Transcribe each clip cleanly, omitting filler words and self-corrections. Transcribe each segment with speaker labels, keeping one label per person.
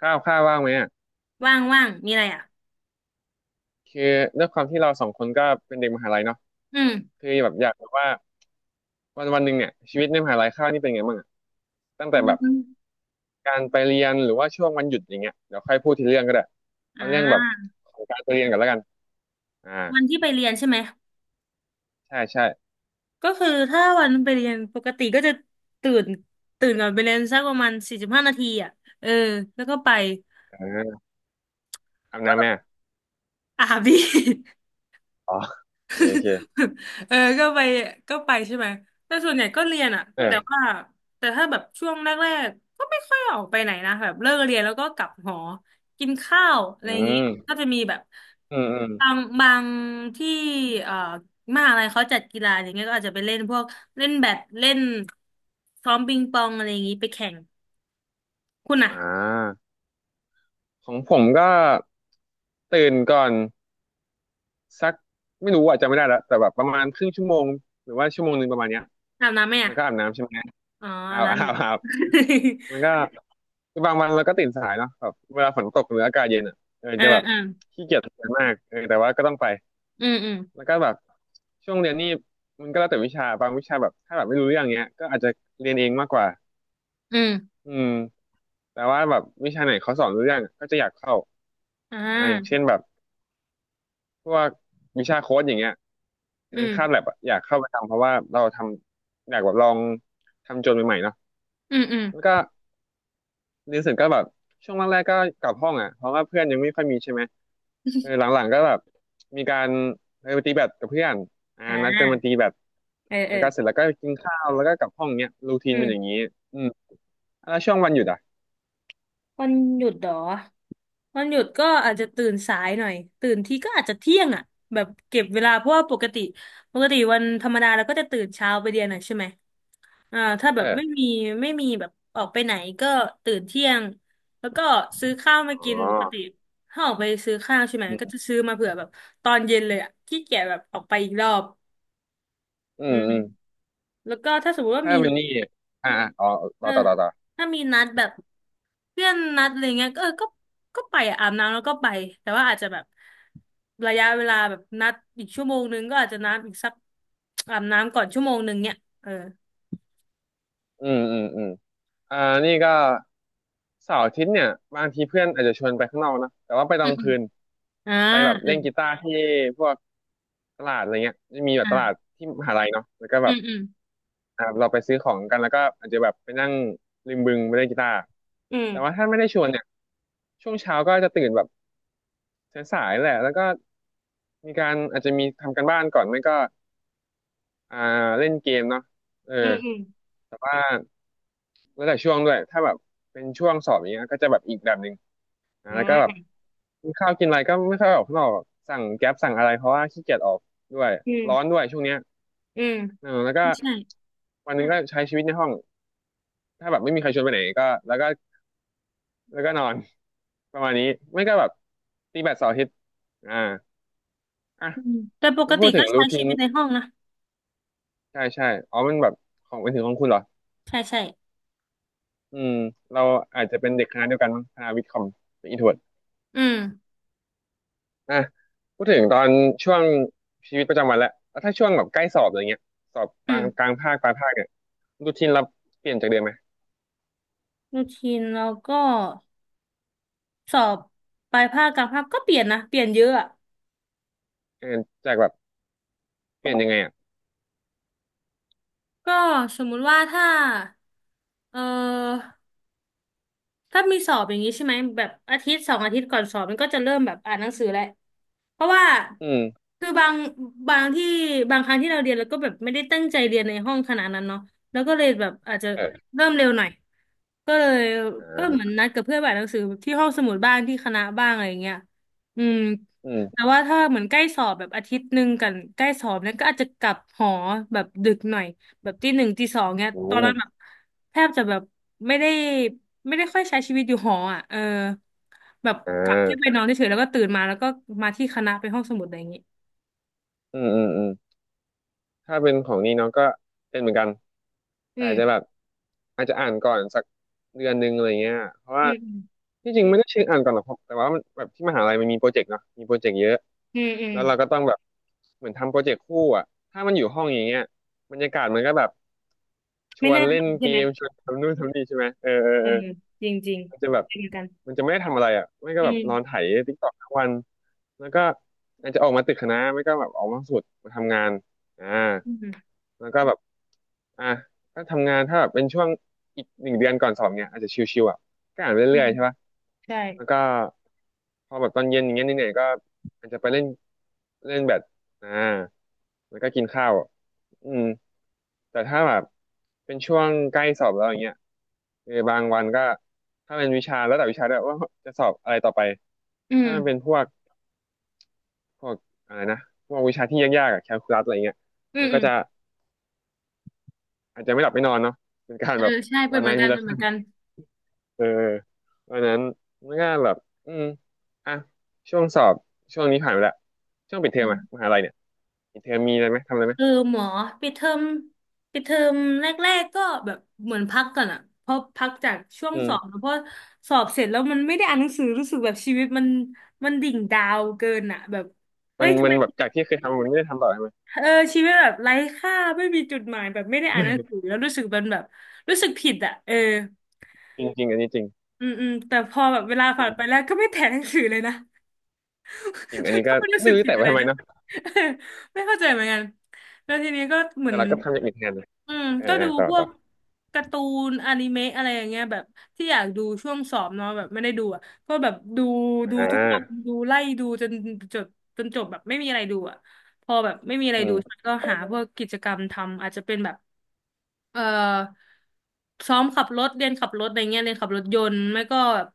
Speaker 1: ข้าวข้าวว่างไหมอ่ะ
Speaker 2: ว่างว่างมีอะไรอ่ะ
Speaker 1: คือด้วยความที่เราสองคนก็เป็นเด็กมหาลัยเนาะ
Speaker 2: อืม
Speaker 1: คือแบบอยากแบบว่าวันวันหนึ่งเนี่ยชีวิตในมหาลัยข้าวนี่เป็นไงบ้างอ่ะตั้ง
Speaker 2: วั
Speaker 1: แต่แบบ
Speaker 2: น
Speaker 1: การไปเรียนหรือว่าช่วงวันหยุดอย่างเงี้ยเดี๋ยวค่อยพูดทีเรื่องก็ได้
Speaker 2: อ่
Speaker 1: เอาเรื่องแบบ
Speaker 2: า
Speaker 1: ของการไปเรียนก่อนแล้วกันอ่า
Speaker 2: วันที่ไปเรียนใช่ไหม
Speaker 1: ใช่ใช่
Speaker 2: ก็คือถ้าวันไปเรียนปกติก็จะตื่นตื่นก่อนไปเรียนสักประมาณ45 นาทีอ่ะ เออ แล้วก็ไป
Speaker 1: เอออาบน้ำแม่
Speaker 2: อาบดี
Speaker 1: อ๋อโอเคโอ เค
Speaker 2: เออก็ไปใช่ไหมแต่ส่วนใหญ่ก็เรียนอะ
Speaker 1: เอ
Speaker 2: แต่
Speaker 1: อ
Speaker 2: ว่าแต่ถ้าแบบช่วงแรกๆก็ไม่ค่อยออกไปไหนนะแบบเลิกเรียนแล้วก็กลับหอกินข้าวอะไร
Speaker 1: อื
Speaker 2: อย่างนี้
Speaker 1: ม
Speaker 2: ก็จะมีแบบ
Speaker 1: อืมอืม
Speaker 2: บางที่เอ่อมหาอะไรเขาจัดกีฬาอย่างเงี้ยก็อาจจะไปเล่นพวกเล่นแบดเล่นซ้อมปิงปองอะไรอย่างนี้ไปแข่งคุณอะ
Speaker 1: อ่าของผมก็ตื่นก่อน สักไม่รู้อาจจะจำไม่ได้แล้วแต่แบบประมาณครึ่งชั่วโมงหรือว่าชั่วโมงหนึ่งประมาณเนี้ย
Speaker 2: อาบน้ำไหม
Speaker 1: แล้
Speaker 2: อะ
Speaker 1: วก็อาบน้ำใช่ไหม
Speaker 2: อ๋ออา
Speaker 1: อา
Speaker 2: บ
Speaker 1: บอา
Speaker 2: น้ำอยู่
Speaker 1: บอาบแล้วก็ คือบางวันเราก็ตื่นสายเนาะแบบเวลาฝนตกหรืออากาศเย็นอ่ะเออ
Speaker 2: เออ
Speaker 1: จะแบบ
Speaker 2: เออ
Speaker 1: ขี้เกียจทำงานมากเออแต่ว่าก็ต้องไป
Speaker 2: อืมอืม
Speaker 1: แล้วก็แบบช่วงเรียนนี่มันก็แล้วแต่วิชาบางวิชาแบบถ้าแบบไม่รู้เรื่องเงี้ยก็อาจจะเรียนเองมากกว่า
Speaker 2: อืม
Speaker 1: อืมแต่ว่าแบบวิชาไหนเขาสอนรู้เรื่องก็จะอยากเข้า
Speaker 2: อ่
Speaker 1: อย่างเช่น
Speaker 2: า
Speaker 1: แบบ พวกวิชาโค้ดอย่างเงี้ยใน
Speaker 2: อื
Speaker 1: คาบ
Speaker 2: ม
Speaker 1: แลบอะอยากเข้าไปทำเพราะว่าเราอยากแบบลองทำโจทย์ใหม่ๆเนาะ
Speaker 2: อืมอืม
Speaker 1: แล้วก็เรียนเสร็จก็แบบช่วงแรกๆก็กลับห้องอะเพราะว่าเพื่อนยังไม่ค่อยมีใช่ไหมเออหลังๆก็แบบมีการเออไปตีแบดกับเพื่อนอ่า
Speaker 2: อ่
Speaker 1: นัดกันมา
Speaker 2: า
Speaker 1: ตีแบด
Speaker 2: เออเอ
Speaker 1: แล้
Speaker 2: อ
Speaker 1: วก็เสร็จแล้วก็กินข้าวแล้วก็กลับห้องเนี้ยรูทีน
Speaker 2: อื
Speaker 1: เป็นอย่าง
Speaker 2: ม
Speaker 1: นี้อืมแล้วช่วงวันหยุดอะ
Speaker 2: วันหยุดเหรอวันหยุดก็อาจจะตื่นสายหน่อยตื่นทีก็อาจจะเที่ยงอ่ะแบบเก็บเวลาเพราะว่าปกติวันธรรมดาเราก็จะตื่นเช้าไปเรียนอ่ะใช่ไหมถ้าแบ
Speaker 1: เอ
Speaker 2: บไม่
Speaker 1: อ
Speaker 2: มีไม่มีแบบออกไปไหนก็ตื่นเที่ยงแล้วก็ซื้อข้าวมา
Speaker 1: อ๋อ
Speaker 2: กินปกติถ้าออกไปซื้อข้าวใช่ไหม
Speaker 1: อื
Speaker 2: ก็
Speaker 1: ม
Speaker 2: จะซื้อมาเผื่อแบบตอนเย็นเลยอ่ะขี้เกียจแบบออกไปอีกรอบ
Speaker 1: อื
Speaker 2: อื
Speaker 1: ม
Speaker 2: ม
Speaker 1: อืม
Speaker 2: แล้วก็ถ้าสมมติว่า
Speaker 1: ถ้า
Speaker 2: มี
Speaker 1: เป็นนี่อ่าอ๋อ
Speaker 2: เอ
Speaker 1: ต่อ
Speaker 2: อ
Speaker 1: ต่อต่อต่อ
Speaker 2: ถ้ามีนัดแบบเพื่อนนัดอะไรเงี้ยก็เออก็ก็ไปอะอาบน้ำแล้วก็ไปแต่ว่าอาจจะแบบระยะเวลาแบบนัดอีกชั่วโมงนึงก็อาจจะนัดอีกสักอาบน้ำก่อนชั่วโมงนึงเนี่ยเออ
Speaker 1: อืมอืมอืมอ่านี่ก็เสาร์อาทิตย์เนี่ยบางทีเพื่อนอาจจะชวนไปข้างนอกนะแต่ว่าไปตอ
Speaker 2: อื
Speaker 1: น
Speaker 2: ม
Speaker 1: กลา
Speaker 2: อื
Speaker 1: ง
Speaker 2: ม
Speaker 1: คืน
Speaker 2: อ่า
Speaker 1: ไปแบบ
Speaker 2: อื
Speaker 1: เล่น
Speaker 2: ม
Speaker 1: กีตาร์ที่พวกตลาดอะไรเงี้ยจะมีแบ
Speaker 2: อ่
Speaker 1: บตลาด
Speaker 2: า
Speaker 1: ที่มหาลัยเนาะแล้วก็แบ
Speaker 2: อื
Speaker 1: บ
Speaker 2: มอืม
Speaker 1: เราไปซื้อของกันแล้วก็อาจจะแบบไปนั่งริมบึงไปเล่นกีตาร์
Speaker 2: อื
Speaker 1: แต่ว่า
Speaker 2: ม
Speaker 1: ถ้าไม่ได้ชวนเนี่ยช่วงเช้าก็จะตื่นแบบสายๆแหละแล้วก็มีการอาจจะมีทำกันบ้านก่อนไม่ก็อ่าเล่นเกมเนาะเออ
Speaker 2: อืมอืม
Speaker 1: แล้วแต่ช่วงด้วยถ้าแบบเป็นช่วงสอบอย่างเงี้ยก็จะแบบอีกแบบหนึ่งนะ
Speaker 2: อ่
Speaker 1: แล้วก็แบบ
Speaker 2: า
Speaker 1: กินข้าวกินอะไรก็ไม่ค่อยออกข้างนอกแบบสั่งแก๊ปสั่งอะไรเพราะว่าขี้เกียจออกด้วย
Speaker 2: อื
Speaker 1: ร้อน
Speaker 2: ม
Speaker 1: ด้วยช่วงเนี้ย
Speaker 2: อืม
Speaker 1: เออแล้วก็
Speaker 2: ใช่
Speaker 1: วันหนึงก็ใช้ชีวิตในห้องถ้าแบบไม่มีใครชวนไปไหนก็แล้วก็นอน ประมาณนี้ไม่ก็แบบตีแบดเสาร์อาทิตย์อ่าอ่ะ
Speaker 2: อืมแต่ปก
Speaker 1: มาพู
Speaker 2: ติ
Speaker 1: ดถึ
Speaker 2: ก็
Speaker 1: งรู
Speaker 2: ใช้
Speaker 1: ที
Speaker 2: ชี
Speaker 1: น
Speaker 2: วิตในห้องนะ
Speaker 1: ใช่ใช่อ๋อมันแบบของเป็นถึงของคุณเหรอ
Speaker 2: ใช่ใช่
Speaker 1: อืมเราอาจจะเป็นเด็กคณะเดียวกันมั้งคณะวิทย์คอมเป็นอินโทร
Speaker 2: อืม
Speaker 1: อ่ะพูดถึงตอนช่วงชีวิตประจำวันแล้วแล้วถ้าช่วงแบบใกล้สอบอะไรเงี้ยสอบก
Speaker 2: อื
Speaker 1: ลา
Speaker 2: ม
Speaker 1: งกลางภาคปลายภาคเนี่ยรูทีนเราเปลี่ยนจากเดิมไหม
Speaker 2: รูทีนแล้วก็สอบปลายภาคกลางภาคก็เปลี่ยนนะเปลี่ยนเยอะอะ
Speaker 1: เออจากแบบเปลี่ยนยังไงอ่ะ
Speaker 2: ก็สมมุติว่าถ้าเออ ถ้ามีสอบอย่างนี้ใช่ไหมแบบอาทิตย์2 อาทิตย์ก่อนสอบมันก็จะเริ่มแบบอ่านหนังสือแหละเพราะว่า
Speaker 1: อืม
Speaker 2: คือบางที่บางครั้งที่เราเรียนแล้วก็แบบไม่ได้ตั้งใจเรียนในห้องขนาดนั้นเนาะแล้วก็เลยแบบอาจจะ
Speaker 1: เออ
Speaker 2: เริ่มเร็วหน่อยก็เลย
Speaker 1: อ่
Speaker 2: ก็เหมือ
Speaker 1: า
Speaker 2: นนัดกับเพื่อนไปอ่านหนังสือที่ห้องสมุดบ้างที่คณะบ้างอะไรอย่างเงี้ยอืม
Speaker 1: อื
Speaker 2: แต่
Speaker 1: ม
Speaker 2: ว่าถ้าเหมือนใกล้สอบแบบอาทิตย์หนึ่งกันใกล้สอบเนี่ยก็อาจจะกลับหอแบบดึกหน่อยแบบตีหนึ่งตีสองเนี่ย
Speaker 1: อื
Speaker 2: ตอนนั้นแบ
Speaker 1: ม
Speaker 2: บแทบจะแบบไม่ได้ ไม่ได้ค่อยใช้ชีวิตอยู่หออ่ะเออแบบ
Speaker 1: อ่
Speaker 2: กลับที่ไป
Speaker 1: า
Speaker 2: นอนเฉยๆแล้วก็ตื่นมาแล้วก็มาที่คณะไปห้องสมุดอะไรอย่างงี้
Speaker 1: อืมอืมอืมถ้าเป็นของนี่น้องก็เป็นเหมือนกัน
Speaker 2: อื
Speaker 1: แต่
Speaker 2: ม
Speaker 1: จะแบบ อาจจะอ่านก่อนสักเดือนหนึ่งอะไรเงี้ยเพราะว่า
Speaker 2: อืม
Speaker 1: ที่จริงไม่ได้เชิงอ่านก่อนหรอกครับแต่ว่ามันแบบที่มหาลัยมันมีโปรเจกต์เนาะมีโปรเจกต์เยอะ
Speaker 2: อืมอืม
Speaker 1: แล้วเราก็ต้องแบบเหมือนทำโปรเจกต์คู่อ่ะถ้ามันอยู่ห้องอย่างเงี้ยบรรยากาศมันก็แบบช
Speaker 2: ไม่
Speaker 1: วน
Speaker 2: น่า
Speaker 1: เล่น
Speaker 2: ทำใช่
Speaker 1: เก
Speaker 2: ไหม
Speaker 1: ม ชวนทำนู่นทำนี่ใช่ไหมเออเออ
Speaker 2: เออจริงจริง
Speaker 1: เออ มันจะแบบ
Speaker 2: เป็นเหมือนกัน
Speaker 1: มันจะไม่ได้ทำอะไรอ่ะไม่ก็
Speaker 2: อื
Speaker 1: แบบนอนไถ
Speaker 2: ม
Speaker 1: ติ๊กต็อกทั้งวัน แล้วก็อาจจะออกมาตึกคณะไม่ก็แบบออกมาสุดมาทำงานอ่า
Speaker 2: อืม
Speaker 1: แล้วก็แบบอ่ะก็ทำงานถ้าแบบเป็นช่วงอีกหนึ่งเดือนก่อนสอบเนี่ยอาจจะชิวๆอ่ะก็อ่านไป
Speaker 2: อื
Speaker 1: เรื่อย
Speaker 2: ม
Speaker 1: ๆใช่ปะ
Speaker 2: ใช่
Speaker 1: แล้วก็พอแบบตอนเย็นอย่างเงี้ยเหนื่อยๆก็อาจจะไปเล่นเล่นแบดอ่าแล้วก็กินข้าว อืมแต่ถ้าแบบเป็นช่วงใกล้สอบแล้วอย่างเงี้ยเออบางวันก็ถ้าเป็นวิชาแล้วแต่วิชาด้วยว่าจะสอบอะไรต่อไป
Speaker 2: อืม
Speaker 1: ถ้ามันเป็นพวกอะไรนะพวกวิชาที่ยากๆอะแคลคูลัสอะไรเงี้ย
Speaker 2: อืม
Speaker 1: มัน
Speaker 2: อื
Speaker 1: ก็
Speaker 2: ม
Speaker 1: จะอาจจะไม่หลับไม่นอนเนาะเป็นการ
Speaker 2: เออ
Speaker 1: แบบ
Speaker 2: ใช่เป็
Speaker 1: วั
Speaker 2: น
Speaker 1: น
Speaker 2: เห
Speaker 1: ไหน
Speaker 2: มือนกั
Speaker 1: มี
Speaker 2: นเป็
Speaker 1: ละ
Speaker 2: น
Speaker 1: ค
Speaker 2: เหมื
Speaker 1: รั้
Speaker 2: อน
Speaker 1: ง
Speaker 2: กัน
Speaker 1: เออเพราะฉะนั้นมันก็แบบอืมอ่ะช่วงสอบช่วงนี้ผ่านไปแล้วช่วงปิดเทอ
Speaker 2: อื
Speaker 1: ม
Speaker 2: ม
Speaker 1: อะมหาลัยเนี่ยปิดเทอมมีอะไรไหมทำอะไรไหม
Speaker 2: เออหมอปิดเทอมปิดเทอมแรกๆก็แบบเหมือนพักก่อนอะเพราะพักจากช่วง
Speaker 1: อื
Speaker 2: สอบแล้
Speaker 1: ม
Speaker 2: วเพราะสอบเสร็จแล้วมันไม่ได้อ่านหนังสือรู้สึกแบบชีวิตมันดิ่งดาวเกินอะแบบเอ้
Speaker 1: มั
Speaker 2: ย
Speaker 1: น
Speaker 2: ทำ
Speaker 1: มั
Speaker 2: ไม
Speaker 1: นแบบจากที่เคยทำมันไม่ได้ทำต่อใช่ไหม
Speaker 2: เออชีวิตแบบไร้ค่าไม่มีจุดหมายแบบไม่ได้อ่านหนังสื อแล้วรู้สึกมันแบบรู้สึกผิดอะเออ
Speaker 1: จริงจริงอันนี้จริง
Speaker 2: อืมอืมแต่พอแบบเวลา
Speaker 1: อื
Speaker 2: ผ่านไปแล้
Speaker 1: ม
Speaker 2: วก็ไม่แถหนังสือเลยนะ
Speaker 1: จริงอัน
Speaker 2: แล้ว
Speaker 1: นี้
Speaker 2: ก็
Speaker 1: ก็
Speaker 2: ไม่รู้
Speaker 1: ไม่
Speaker 2: สึก
Speaker 1: รู้จะ
Speaker 2: ผิด
Speaker 1: แตะ
Speaker 2: อะ
Speaker 1: ไว้
Speaker 2: ไร
Speaker 1: ทำไม
Speaker 2: ด้วย
Speaker 1: เนาะ
Speaker 2: เออไม่เข้าใจเหมือนกัน แล้วทีนี้ก็เหมือ
Speaker 1: แต่
Speaker 2: น
Speaker 1: เราก็ทำอย่างอื่นแทนนะ
Speaker 2: อืม
Speaker 1: อ่า
Speaker 2: ก็ดู
Speaker 1: อ่าต่อ
Speaker 2: พว
Speaker 1: ต่อ
Speaker 2: กการ์ตูนอนิเมะอะไรอย่างเงี้ยแบบที่อยากดูช่วงสอบเนาะแบบไม่ได้ดูอ่ะก็แบบดู
Speaker 1: อ่
Speaker 2: ทุกวัน
Speaker 1: า
Speaker 2: ดูไล่ดูจนจบจบแบบไม่มีอะไรดูอ่ะพอแบบไม่มีอะไร
Speaker 1: อื
Speaker 2: ดู
Speaker 1: ม
Speaker 2: ฉันก็หาพวกกิจกรรมทำอาจจะเป็นแบบ เอ่อซ้อมขับรถเรียนขับรถอะไรเงี้ยเรียนขับรถยนต์ไม่ก็แบบ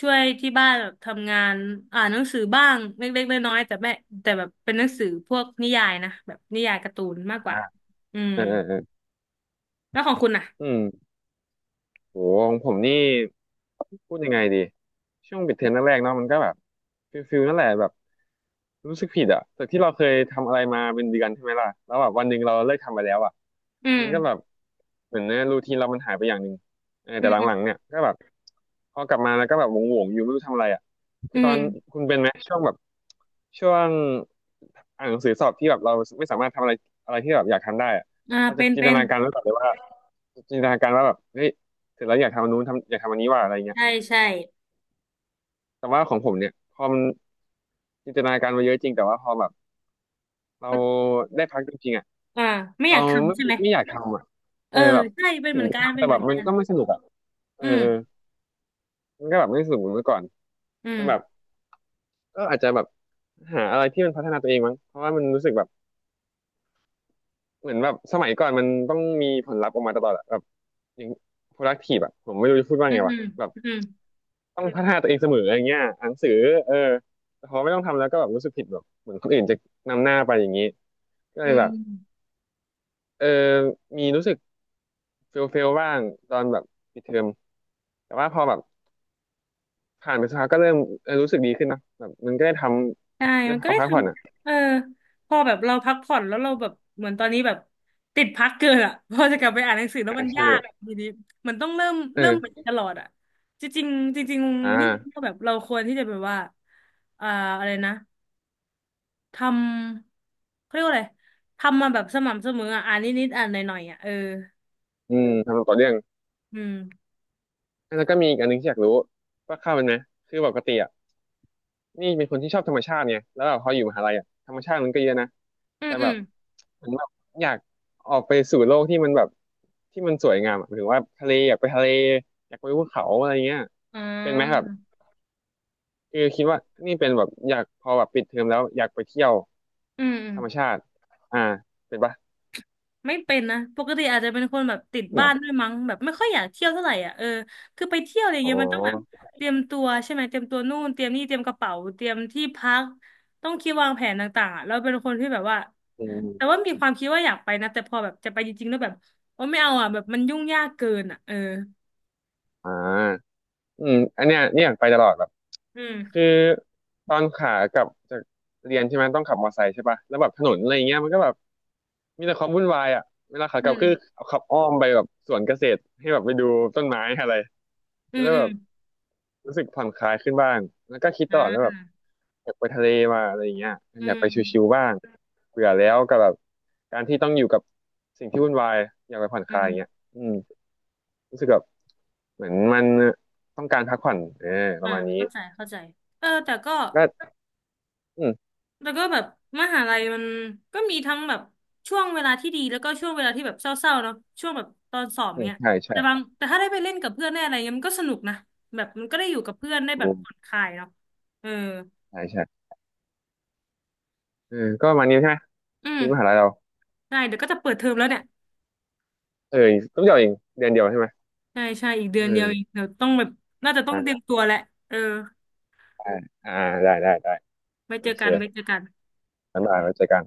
Speaker 2: ช่วยที่บ้านแบบทำงานอ่านหนังสือบ้างเล็กๆน้อยๆแต่แม่แต่แบบเป็นหนังสือพวกนิยายนะแบบนิยายการ์ตูนมากกว่า
Speaker 1: อ่า
Speaker 2: อืม
Speaker 1: อ่าอ่า
Speaker 2: แล้วของคุณอ่ะ
Speaker 1: อืม โหของผมนี่พูดยังไงดีช่วงปิดเทอมแรกๆเนาะมันก็แบบฟิลนั่นแหละแบบรู้สึกผิดอะจากที่เราเคยทำอะไรมาเป็นเดือนใช่ไหมล่ะแล้วแบบวันหนึ่งเราเลิกทำไปแล้วอะ
Speaker 2: อื
Speaker 1: มั
Speaker 2: ม
Speaker 1: นก็แบบเหมือนเนี่ยรูทีนเรามันหายไปอย่างหนึ่งเออ
Speaker 2: อื
Speaker 1: แต่หลังๆ
Speaker 2: ม
Speaker 1: เนี่ยก็แบบพอกลับมาแล้วก็แบบหวงๆอยู่ไม่รู้ทำอะไรอะคื
Speaker 2: อื
Speaker 1: อตอ
Speaker 2: ม
Speaker 1: นคุณเป็นไหมช่วงอ่านหนังสือสอบที่แบบเราไม่สามารถทำอะไรอะไรที่แบบอยากทำได้อะ
Speaker 2: อ่า
Speaker 1: เรา
Speaker 2: เป็
Speaker 1: จะ
Speaker 2: น
Speaker 1: จิน
Speaker 2: เป็
Speaker 1: ต
Speaker 2: น
Speaker 1: นาการไว้ก่อนเลยว่า จินตนาการว่าแบบเฮ้ยเสร็จแล้วอยากทำอันนู้นอยากทำอันนี้ว่าอะไรเงี้ย
Speaker 2: ใช่ใช่
Speaker 1: แต่ว่าของผมเนี่ยพอมันจินตนาการมาเยอะจริงแต่ว่าพอแบบเรา
Speaker 2: ก็
Speaker 1: ได้พักจริงๆอ่ะ
Speaker 2: อ่าไม่อ
Speaker 1: เรา
Speaker 2: ยากทำ
Speaker 1: ไม่
Speaker 2: ใช่ไหม
Speaker 1: ไม่อยากทำอ่ะ
Speaker 2: เอ
Speaker 1: เอ
Speaker 2: อ
Speaker 1: อแบบ
Speaker 2: ใช่เป็น
Speaker 1: ถึ
Speaker 2: เหมื
Speaker 1: ง
Speaker 2: อน
Speaker 1: จะ
Speaker 2: กัน
Speaker 1: ทำ
Speaker 2: เป็
Speaker 1: แต่
Speaker 2: นเห
Speaker 1: แบ
Speaker 2: มือ
Speaker 1: บ
Speaker 2: น
Speaker 1: มั
Speaker 2: กั
Speaker 1: น
Speaker 2: น
Speaker 1: ก็ไม่สนุกอ่ะเอ
Speaker 2: อื
Speaker 1: อ
Speaker 2: ม
Speaker 1: เออมันก็แบบไม่สนุกเหมือนเมื่อก่อน
Speaker 2: อื
Speaker 1: จ
Speaker 2: ม
Speaker 1: นแบบก็อาจจะแบบหาอะไรที่มันพัฒนาตัวเองมั้งเพราะว่ามันรู้สึกแบบเหมือนแบบสมัยก่อนมันต้องมีผลลัพธ์ออกมาตลอดอะแบบอย่าง productive อ่ะผมไม่รู้จะพูดว่า
Speaker 2: อื
Speaker 1: ไง
Speaker 2: มอื
Speaker 1: วะ
Speaker 2: ม
Speaker 1: แบบ
Speaker 2: อืม
Speaker 1: ต้องพัฒนาตัวเองเสมออย่างเงี้ยอ่านหนังสือเออแต่พอไม่ต้องทำแล้วก็แบบรู้สึกผิดแบบเหมือนคนอื่นจะนำหน้าไปอย่างนี้ก็เล
Speaker 2: อื
Speaker 1: ยแบบ
Speaker 2: ม
Speaker 1: เออมีรู้สึกเฟลบ้างตอนแบบปิดเทอมแต่ว่าพอแบบผ่านไปสักพักก็เริ่มเออรู้สึกดีขึ้นนะแบบมันก็ได้ท
Speaker 2: ใช่
Speaker 1: ำได้
Speaker 2: มันก็
Speaker 1: พั
Speaker 2: ได้ท
Speaker 1: กผ่อนอ่ะ
Speaker 2: ำเออพอแบบเราพักผ่อนแล้วเราแบบเหมือนตอนนี้แบบติดพักเกินอ่ะ พอจะกลับไปอ่านหนังสือแล้ว
Speaker 1: อ่า
Speaker 2: มัน
Speaker 1: ใช่
Speaker 2: ยากทีนี้มันต้องเริ่ม
Speaker 1: เอ
Speaker 2: เริ่มใหม่
Speaker 1: อ
Speaker 2: ตลอดอ่ะ จริงๆจริง
Speaker 1: อ่
Speaker 2: ๆนี่ก็
Speaker 1: า
Speaker 2: แบบเราควรที่จะแบบว่าอ่าอะไรนะทำเขาเรียกว่าอะไร ทำมาแบบสม่ำเสมออ่ะอ่านนิดๆอ่านหน่อยๆอ่ะ เออ
Speaker 1: อืมทำต่อเรื่อง
Speaker 2: อืม
Speaker 1: แล้วก็มีอีกอันหนึงที่อยากรู้ว่าเข้าเป็นไหมคือปกติอะ นี่เป็นคนที่ชอบธรรมชาติไงแล้วแบบพออยู่มหาลัยอ่ะธรรมชาติมันก็เยอะนะ
Speaker 2: อืม
Speaker 1: แต่
Speaker 2: อื
Speaker 1: แบ
Speaker 2: ม
Speaker 1: บเหมือนแบบอยากออกไปสู่โลกที่มันแบบที่มันสวยงามอะหมายถึงว่าทะเลอยากไปทะเลอยากไปภูเขาอะไรเงี้ย
Speaker 2: อ๋
Speaker 1: เป็นไหมแบบ
Speaker 2: อ
Speaker 1: คือคิดว่านี่เป็นแบบอยากพอแบบปิดเทอมแล้วอยากไปเที่ยว
Speaker 2: อืมอืม
Speaker 1: ธรรมชาติอ่าเป็นปะ
Speaker 2: ไม่เป็นนะปกติอาจจะเป็นคนแบบติด
Speaker 1: เหร
Speaker 2: บ้านด้ว
Speaker 1: อ
Speaker 2: ยมั้งแบบไม่ค่อยอยากเที่ยวเท่าไหร่อ่ะเออคือไปเที่ยวอะไร
Speaker 1: อ๋
Speaker 2: เงี้ยมันต้องแบบ
Speaker 1: อ
Speaker 2: เตรียมตัวใช่ไหมเตรียมตัวนู่นเตรียมนี่เตรียมกระเป๋าเตรียมที่พักต้องคิดวางแผนต่างๆอ่ะเราเป็นคนที่แบบว่า
Speaker 1: อืม
Speaker 2: แต่ว่ามีความคิดว่าอยากไปนะแต่พอแบบจะไปจริงๆแล้วแบบโอ้ไม่เอาอ่ะแบบมันยุ่งยากเกินอ่ะเออ
Speaker 1: อ่าอืมอันเนี้ยเนี่ยอยากไปตลอดแบบ
Speaker 2: อื
Speaker 1: คือ
Speaker 2: ม
Speaker 1: ตอนขากลับจากเรียนใช่ไหมต้องขับมอเตอร์ไซค์ใช่ปะแล้วแบบถนนอะไรเงี้ยมันก็แบบ มีแต่ความวุ่นวายอ่ะเวลาขา
Speaker 2: อื
Speaker 1: กลับคือ
Speaker 2: ม
Speaker 1: เอาขับอ้อมไปแบบสวนเกษตรให้แบบไปดูต้นไม้อะไร
Speaker 2: อื
Speaker 1: จะ
Speaker 2: ม
Speaker 1: ได้
Speaker 2: อื
Speaker 1: แบ
Speaker 2: ม
Speaker 1: บรู้สึกผ่อนคลายขึ้นบ้างแล้วก็คิดต
Speaker 2: อ่า
Speaker 1: ลอดว่าแบบอยากไปทะเลมาอะไรอย่างเงี้ย
Speaker 2: อื
Speaker 1: อยากไปชิว
Speaker 2: ม
Speaker 1: ๆบ้างเบื่อแล้วกับแบบการที่ต้องอยู่กับสิ่งที่วุ่นวายอยากไปผ่อนค
Speaker 2: อื
Speaker 1: ลายอย่างเงี้ย
Speaker 2: ม
Speaker 1: อืมรู้สึกแบบเหมือนมันต้องการพักผ่อนเออป
Speaker 2: อ่า
Speaker 1: ระมาณนี้
Speaker 2: เข้าใจเข้าใจเออแต่ก็
Speaker 1: ก็อืม
Speaker 2: แล้วก็แบบมหาลัยมันก็มีทั้งแบบช่วงเวลาที่ดีแล้วก็ช่วงเวลาที่แบบเศร้าๆเนาะช่วงแบบตอนสอบ
Speaker 1: อืม
Speaker 2: เนี้ย
Speaker 1: ใช่
Speaker 2: แต่บาง
Speaker 1: ใช่
Speaker 2: แต่ถ้าได้ไปเล่นกับเพื่อนได้อะไรเงี้ยมันก็สนุกนะแบบมันก็ได้อยู่กับเพื่อนได้แบ
Speaker 1: ถู
Speaker 2: บ
Speaker 1: ก
Speaker 2: ผ่อนคลายเนาะเออ
Speaker 1: ใช่ใช่เออก็ประมาณนี้ใช่ไหม
Speaker 2: อื
Speaker 1: ชี
Speaker 2: ม
Speaker 1: วิตมหาลัยเรา
Speaker 2: ได้เดี๋ยวก็จะเปิดเทอมแล้วเนี่ย
Speaker 1: เออต้องเดียวเองเดือนเดียวใช่ไหม
Speaker 2: ใช่ใช่อีก
Speaker 1: เ
Speaker 2: เดือนเดียวเอง
Speaker 1: ออ
Speaker 2: เดี๋ยวต้องแบบน่าจะต้องเตรียมตัวแหละเออ
Speaker 1: ได้อ่าได้ได้ได้
Speaker 2: ไว้
Speaker 1: โอ
Speaker 2: เจอ
Speaker 1: เค
Speaker 2: กันไว้เจอกัน
Speaker 1: งั้นมาไว้เจอกัน